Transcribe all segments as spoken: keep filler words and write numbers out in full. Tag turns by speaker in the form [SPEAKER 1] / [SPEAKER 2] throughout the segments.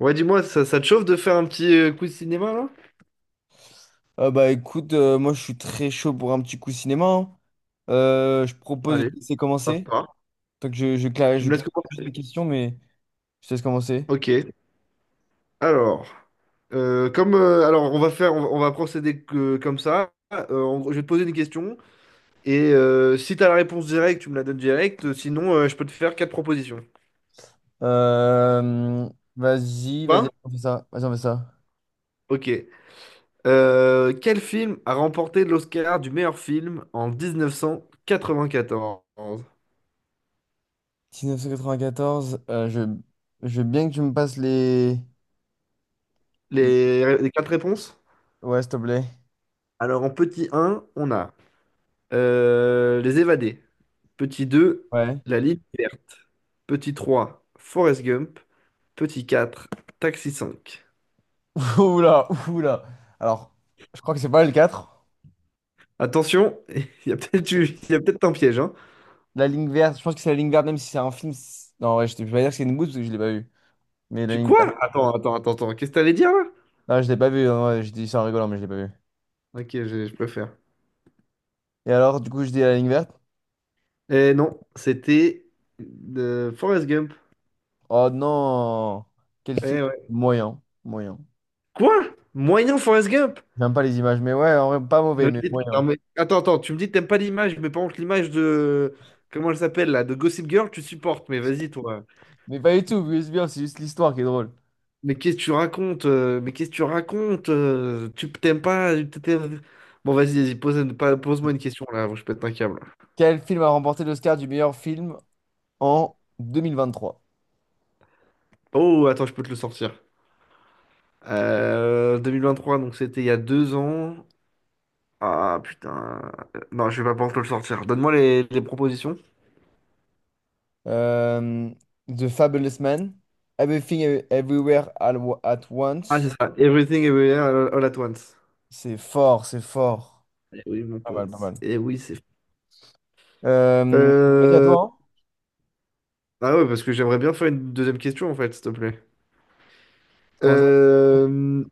[SPEAKER 1] Ouais, dis-moi, ça, ça te chauffe de faire un petit euh, coup de cinéma là?
[SPEAKER 2] Ah bah écoute, euh, moi je suis très chaud pour un petit coup cinéma, hein. Euh, je propose de
[SPEAKER 1] Allez,
[SPEAKER 2] te laisser
[SPEAKER 1] hop
[SPEAKER 2] commencer.
[SPEAKER 1] pas.
[SPEAKER 2] Donc je, je
[SPEAKER 1] Tu
[SPEAKER 2] clarifie, je
[SPEAKER 1] me laisses
[SPEAKER 2] clarifie juste
[SPEAKER 1] commencer?
[SPEAKER 2] mes questions, mais je te laisse commencer.
[SPEAKER 1] Ok. Alors, euh, comme euh, alors on va faire, on va, on va procéder que- comme ça. Euh, en gros, je vais te poser une question et euh, si t'as la réponse directe, tu me la donnes directe. Sinon, euh, je peux te faire quatre propositions.
[SPEAKER 2] Euh, vas-y, vas-y,
[SPEAKER 1] Enfin,
[SPEAKER 2] on fait ça. Vas-y, on fait ça.
[SPEAKER 1] ok. Euh, quel film a remporté l'Oscar du meilleur film en mille neuf cent quatre-vingt-quatorze?
[SPEAKER 2] mille neuf cent quatre-vingt-quatorze, euh, je, je veux bien que tu me passes les... les-
[SPEAKER 1] Les, les quatre réponses?
[SPEAKER 2] Ouais, s'il te plaît.
[SPEAKER 1] Alors en petit un, on a euh, Les Évadés. Petit deux,
[SPEAKER 2] Ouais.
[SPEAKER 1] La Ligne verte. Petit trois, Forrest Gump. Petit quatre, Taxi cinq.
[SPEAKER 2] Oula, oula. Alors, je crois que c'est pas le quatre.
[SPEAKER 1] Attention, il y a peut-être eu- il y a peut-être un piège, hein.
[SPEAKER 2] La ligne verte, je pense que c'est la ligne verte, même si c'est un film. C'est- Non, ouais, je ne vais pas dire que c'est une bouse parce que je l'ai pas vu. Mais la
[SPEAKER 1] Je
[SPEAKER 2] ligne verte.
[SPEAKER 1] quoi? Attends, attends, attends, attends. Qu'est-ce que t'allais dire là?
[SPEAKER 2] Non, je l'ai pas vu. Non, ouais, je dis ça en rigolant, mais je l'ai pas vu.
[SPEAKER 1] Ok, je, je préfère.
[SPEAKER 2] Et alors, du coup, je dis la ligne verte.
[SPEAKER 1] Eh non, c'était de Forrest Gump.
[SPEAKER 2] Oh non! Quel
[SPEAKER 1] Eh
[SPEAKER 2] film
[SPEAKER 1] ouais.
[SPEAKER 2] moyen, moyen.
[SPEAKER 1] Quoi? Moyen Forrest Gump?
[SPEAKER 2] J'aime pas les images, mais ouais, en vrai, pas mauvais,
[SPEAKER 1] Mais
[SPEAKER 2] mais
[SPEAKER 1] vas-y, attends,
[SPEAKER 2] moyen.
[SPEAKER 1] mais- attends, attends, tu me dis que t'aimes pas l'image, mais par contre l'image de... Comment elle s'appelle là? De Gossip Girl, tu supportes, mais vas-y toi.
[SPEAKER 2] Mais pas du tout, mais c'est bien, c'est juste l'histoire qui est drôle.
[SPEAKER 1] Mais qu'est-ce que tu racontes? euh, Mais qu'est-ce que tu racontes? euh, Tu t'aimes pas? tu t'aimes- Bon, vas-y, vas-y, pose, une- pas- pose-moi une question là, avant que je pète un câble.
[SPEAKER 2] Quel film a remporté l'Oscar du meilleur film en deux mille vingt-trois?
[SPEAKER 1] Oh, attends, je peux te le sortir. Euh, deux mille vingt-trois, donc c'était il y a deux ans. Ah putain. Euh, Non, je vais pas pouvoir te le sortir. Donne-moi les, les propositions.
[SPEAKER 2] Euh, The Fabulous Man, Everything Ev- Everywhere All Wa- at
[SPEAKER 1] Ah, c'est
[SPEAKER 2] Once.
[SPEAKER 1] ça. Everything Everywhere All all at Once.
[SPEAKER 2] C'est fort, c'est fort.
[SPEAKER 1] Eh oui, mon
[SPEAKER 2] Pas mal, pas
[SPEAKER 1] pote.
[SPEAKER 2] mal.
[SPEAKER 1] Eh oui, c'est.
[SPEAKER 2] Euh, vas-y, à
[SPEAKER 1] Euh...
[SPEAKER 2] toi, hein.
[SPEAKER 1] Ah ouais, parce que j'aimerais bien faire une deuxième question en fait, s'il te plaît.
[SPEAKER 2] Comment.
[SPEAKER 1] Euh...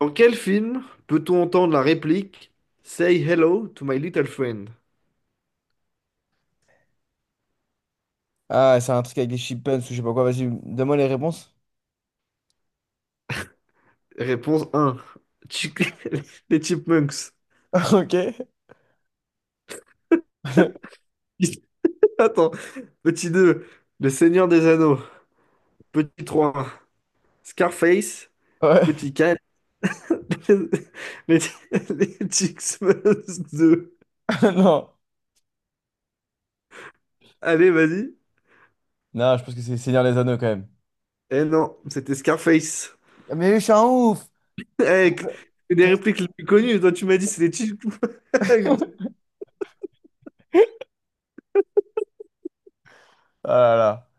[SPEAKER 1] Dans quel film peut-on entendre la réplique Say hello to my little friend?
[SPEAKER 2] Ah, c'est un truc avec des chipmunks ou je sais pas quoi. Vas-y, donne-moi les réponses.
[SPEAKER 1] Réponse un: Chick- Les Chipmunks.
[SPEAKER 2] Ok.
[SPEAKER 1] Attends. Petit deux: Le Seigneur des Anneaux. Petit trois: Scarface.
[SPEAKER 2] Ouais.
[SPEAKER 1] Petit quatre: Les, les Chipmunks deux.
[SPEAKER 2] Non.
[SPEAKER 1] Allez, vas-y.
[SPEAKER 2] Non, je pense que c'est Seigneur des Anneaux quand même.
[SPEAKER 1] Eh non, c'était Scarface.
[SPEAKER 2] Mais je suis un ouf.
[SPEAKER 1] Hey, c'est des répliques
[SPEAKER 2] Putain.
[SPEAKER 1] les plus connues. Toi, tu m'as dit c'est les Chipmunks.
[SPEAKER 2] Ah là là.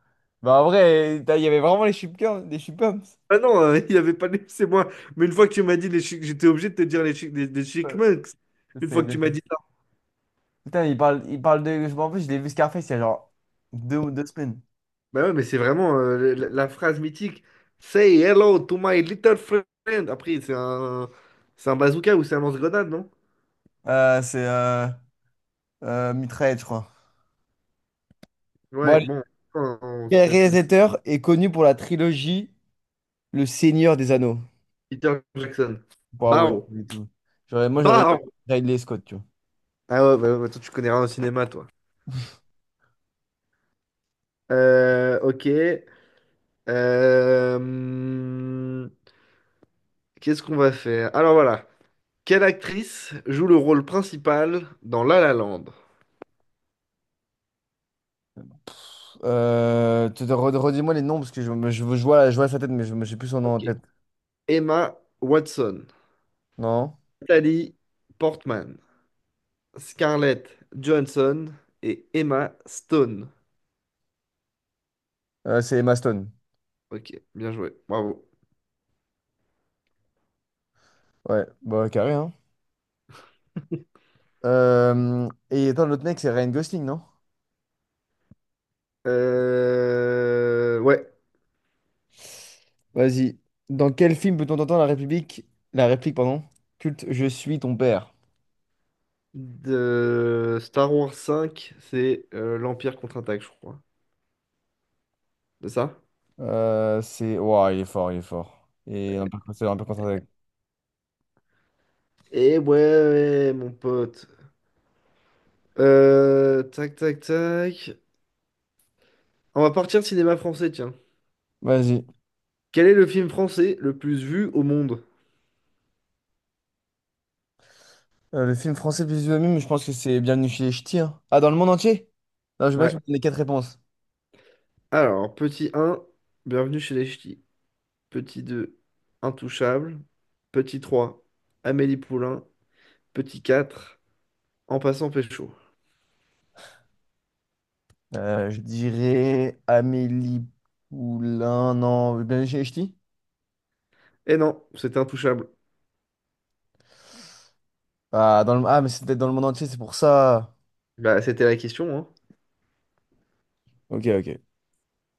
[SPEAKER 2] Bah en vrai, t'as- il y avait vraiment les chipmunks, des chipmunks.
[SPEAKER 1] Ah non, euh, il avait pas les... C'est moi. Mais une fois que tu m'as dit les chic, j'étais obligé de te dire les chic, les, les Chic
[SPEAKER 2] Euh,
[SPEAKER 1] Monks. Une fois
[SPEAKER 2] c'est-
[SPEAKER 1] que tu m'as dit ça.
[SPEAKER 2] Putain, il parle, il parle de. Je m'en rappelle, je l'ai vu Scarface il y a genre deux, deux semaines.
[SPEAKER 1] Bah ouais, mais c'est vraiment euh, la, la phrase mythique. Say hello to my little friend. Après, c'est un, c'est un bazooka ou c'est un lance-grenade, non?
[SPEAKER 2] Euh, c'est euh, euh, Mitraillette, je crois. Bon,
[SPEAKER 1] Ouais,
[SPEAKER 2] allez.
[SPEAKER 1] bon. Euh,
[SPEAKER 2] Quel
[SPEAKER 1] C'est c'est
[SPEAKER 2] réalisateur est connu pour la trilogie Le Seigneur des Anneaux?
[SPEAKER 1] Peter Jackson.
[SPEAKER 2] Bah ouais,
[SPEAKER 1] Bow.
[SPEAKER 2] du tout. J'aurais, moi j'aurais dit
[SPEAKER 1] Bow.
[SPEAKER 2] Ridley Scott, tu vois.
[SPEAKER 1] Ah ouais, bah, ouais, bah toi, tu connais rien au cinéma, toi. Euh, ok. Euh, hmm, Qu'est-ce qu'on va faire? Alors voilà. Quelle actrice joue le rôle principal dans La La Land?
[SPEAKER 2] Euh, tu te re- redis-moi les noms parce que je, me- je, je vois, je vois sa tête, mais je me j'ai plus son nom en
[SPEAKER 1] Ok.
[SPEAKER 2] tête.
[SPEAKER 1] Emma Watson,
[SPEAKER 2] Non?
[SPEAKER 1] Natalie Portman, Scarlett Johansson et Emma Stone.
[SPEAKER 2] Euh, c'est Emma Stone.
[SPEAKER 1] Ok, bien joué, bravo.
[SPEAKER 2] Ouais, bah carré, hein. Euh, et attends, l'autre mec, c'est Ryan Gosling, non?
[SPEAKER 1] Euh, Ouais,
[SPEAKER 2] Vas-y. Dans quel film peut-on entendre la République, la réplique, pardon, culte Je suis ton père?
[SPEAKER 1] de Star Wars cinq, c'est euh, l'Empire contre-attaque, je crois. C'est ça?
[SPEAKER 2] Euh, c'est. Ouah, il est fort, il est fort. Et un peu, c'est un peu contre attaque.
[SPEAKER 1] Eh ouais, ouais, mon pote. Euh, tac, tac, tac. On va partir cinéma français, tiens.
[SPEAKER 2] Vas-y.
[SPEAKER 1] Quel est le film français le plus vu au monde?
[SPEAKER 2] Euh, le film français le plus vu, mais je pense que c'est Bienvenue chez les Ch'tis, hein. Ah, dans le monde entier? Non, je veux bien que
[SPEAKER 1] Ouais.
[SPEAKER 2] tu me donnes les quatre réponses.
[SPEAKER 1] Alors, petit un, bienvenue chez les ch'tis. Petit deux, intouchable. Petit trois, Amélie Poulain. Petit quatre, en passant pécho.
[SPEAKER 2] Euh, je dirais Amélie Poulain. Non, Ben Ch'ti?
[SPEAKER 1] Eh non, c'était intouchable.
[SPEAKER 2] Ah, dans le... ah, mais c'était dans le monde entier, c'est pour ça.
[SPEAKER 1] Bah, c'était la question, hein.
[SPEAKER 2] Ok, ok.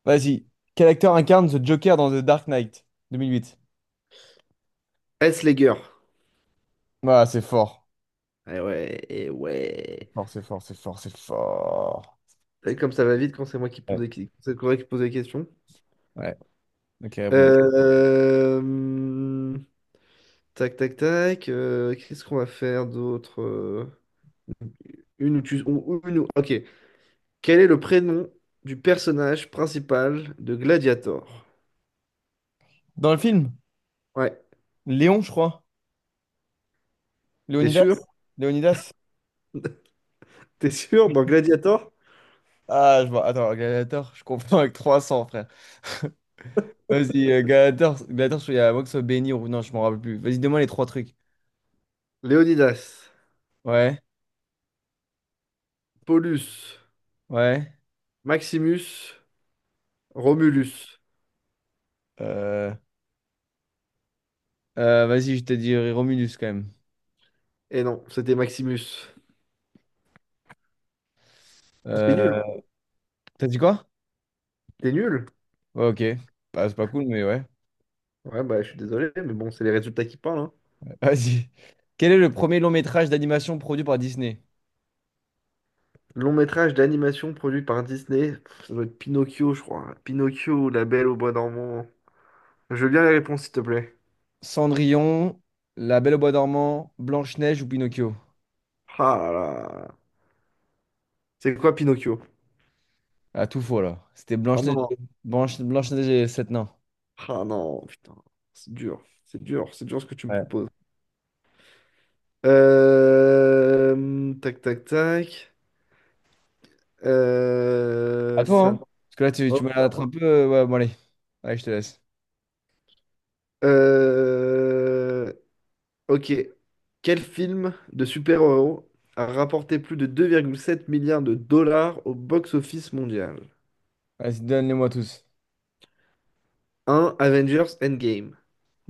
[SPEAKER 2] Vas-y. Quel acteur incarne The Joker dans The Dark Knight deux mille huit?
[SPEAKER 1] Est-ce les gueurs?
[SPEAKER 2] Ah, c'est fort.
[SPEAKER 1] Eh ouais, eh ouais.
[SPEAKER 2] Fort, c'est fort, c'est fort, c'est fort.
[SPEAKER 1] Et comme ça va vite quand c'est moi qui pose
[SPEAKER 2] Ouais,
[SPEAKER 1] les, qui- c'est toi qui pose les questions.
[SPEAKER 2] ouais. Ok, bon.
[SPEAKER 1] Euh, hum, Tac, tac, tac. Euh, qu'est-ce qu'on va faire d'autre? Euh, Une ou tu... ou- ou Une ou... Ok. Quel est le prénom du personnage principal de Gladiator?
[SPEAKER 2] Dans le film,
[SPEAKER 1] Ouais,
[SPEAKER 2] Léon, je crois.
[SPEAKER 1] t'es sûr?
[SPEAKER 2] Léonidas? Léonidas?
[SPEAKER 1] T'es sûr? Dans Gladiator?
[SPEAKER 2] Ah, je vois. Attends, Gladiator, je confonds avec trois cents, frère. Vas-y, euh, Gladiator, Gladiator, je crois y a à moins que ce soit béni ou... Non, je m'en rappelle plus. Vas-y, donne-moi les trois trucs.
[SPEAKER 1] Léonidas,
[SPEAKER 2] Ouais.
[SPEAKER 1] Paulus,
[SPEAKER 2] Ouais.
[SPEAKER 1] Maximus, Romulus.
[SPEAKER 2] Euh, euh, vas-y, je t'ai dit Romulus quand même.
[SPEAKER 1] Et non, c'était Maximus. Ah, t'es nul, hein.
[SPEAKER 2] Euh, t'as dit quoi?
[SPEAKER 1] T'es nul.
[SPEAKER 2] Ouais, ok. Bah, c'est pas cool, mais ouais.
[SPEAKER 1] Ouais, bah je suis désolé, mais bon, c'est les résultats qui parlent, hein.
[SPEAKER 2] Vas-y. Quel est le premier long métrage d'animation produit par Disney?
[SPEAKER 1] Long métrage d'animation produit par Disney. Pff, ça doit être Pinocchio, je crois. Pinocchio, La Belle au Bois dormant. Je veux bien les réponses, s'il te plaît.
[SPEAKER 2] Cendrillon, La Belle au Bois dormant, Blanche-Neige ou Pinocchio?
[SPEAKER 1] Ah là là. C'est quoi Pinocchio?
[SPEAKER 2] Ah, tout faux là. C'était
[SPEAKER 1] Oh
[SPEAKER 2] Blanche-Neige.
[SPEAKER 1] non,
[SPEAKER 2] Blanche, Blanche-Neige et les Sept Nains.
[SPEAKER 1] ah non, putain, c'est dur, c'est dur, c'est dur ce que tu me
[SPEAKER 2] Ouais.
[SPEAKER 1] proposes. Euh, Tac, tac, tac.
[SPEAKER 2] À
[SPEAKER 1] Euh,
[SPEAKER 2] toi, hein?
[SPEAKER 1] ça...
[SPEAKER 2] Parce que là, tu,
[SPEAKER 1] oh.
[SPEAKER 2] tu me la un peu. euh, Ouais, bon, allez. Allez, je te laisse.
[SPEAKER 1] Euh, Ok. Quel film de super-héros a rapporté plus de deux virgule sept milliards de dollars au box-office mondial?
[SPEAKER 2] Vas-y, donne-les-moi tous.
[SPEAKER 1] Un Avengers Endgame.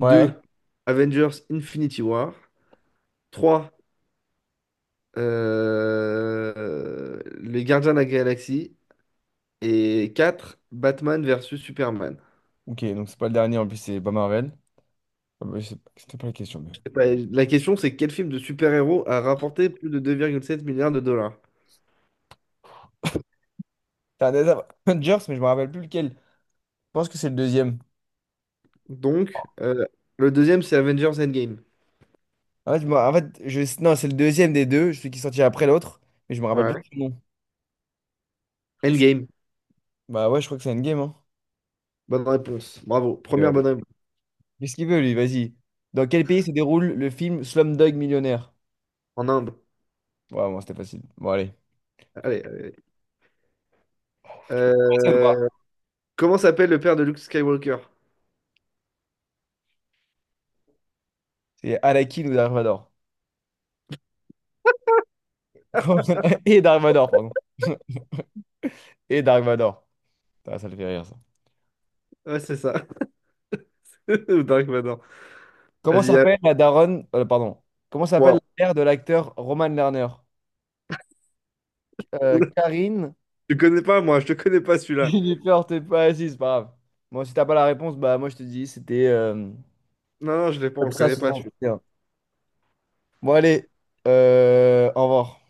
[SPEAKER 2] Ouais.
[SPEAKER 1] Avengers Infinity War. Trois euh, Les Gardiens de la Galaxie. Et quatre Batman versus Superman.
[SPEAKER 2] Ok, donc c'est pas le dernier, en plus, c'est pas Marvel. Ah, bah, je sais pas- C'était pas la question, mais.
[SPEAKER 1] Et ben, la question, c'est quel film de super-héros a rapporté plus de deux virgule sept milliards de dollars?
[SPEAKER 2] C'est un des Avengers, mais je me rappelle plus lequel. Je pense que c'est le deuxième.
[SPEAKER 1] Donc, euh, le deuxième, c'est Avengers Endgame.
[SPEAKER 2] En fait, je me- en fait, je... non, c'est le deuxième des deux, celui qui est sorti après l'autre, mais je me rappelle plus
[SPEAKER 1] Ouais.
[SPEAKER 2] du nom.
[SPEAKER 1] Endgame.
[SPEAKER 2] Bah ouais, je crois que c'est Endgame, hein.
[SPEAKER 1] Bonne réponse. Bravo.
[SPEAKER 2] Euh,
[SPEAKER 1] Première bonne réponse.
[SPEAKER 2] qu'est-ce qu'il veut, lui? Vas-y. Dans quel pays se déroule le film Slumdog Millionnaire?
[SPEAKER 1] En Inde.
[SPEAKER 2] Ouais, bon, c'était facile. Bon, allez.
[SPEAKER 1] Allez, allez.
[SPEAKER 2] Français ou pas?
[SPEAKER 1] Euh, Comment s'appelle le père de Luke Skywalker?
[SPEAKER 2] C'est Anakin ou Dark Vador? Comment- Et Dark Vador, pardon. Et Dark Vador. Putain, ça, le fait rire, ça.
[SPEAKER 1] Ouais, c'est ça. Ou Dark Vador.
[SPEAKER 2] Comment
[SPEAKER 1] Vas-y, allez.
[SPEAKER 2] s'appelle la daronne... euh, pardon. Comment s'appelle
[SPEAKER 1] Wow.
[SPEAKER 2] la mère de l'acteur Roman Lerner? Euh,
[SPEAKER 1] Oula,
[SPEAKER 2] Karine.
[SPEAKER 1] tu connais pas, moi, je te connais pas celui-là.
[SPEAKER 2] J'ai peur, t'es pas assis, c'est pas grave. Bon, si t'as pas la réponse, bah moi je te dis, c'était euh,
[SPEAKER 1] Non, non, je l'ai pas, on
[SPEAKER 2] Comme
[SPEAKER 1] le
[SPEAKER 2] ça,
[SPEAKER 1] connaît pas.
[SPEAKER 2] soixante et un. Bon, allez, euh, au revoir.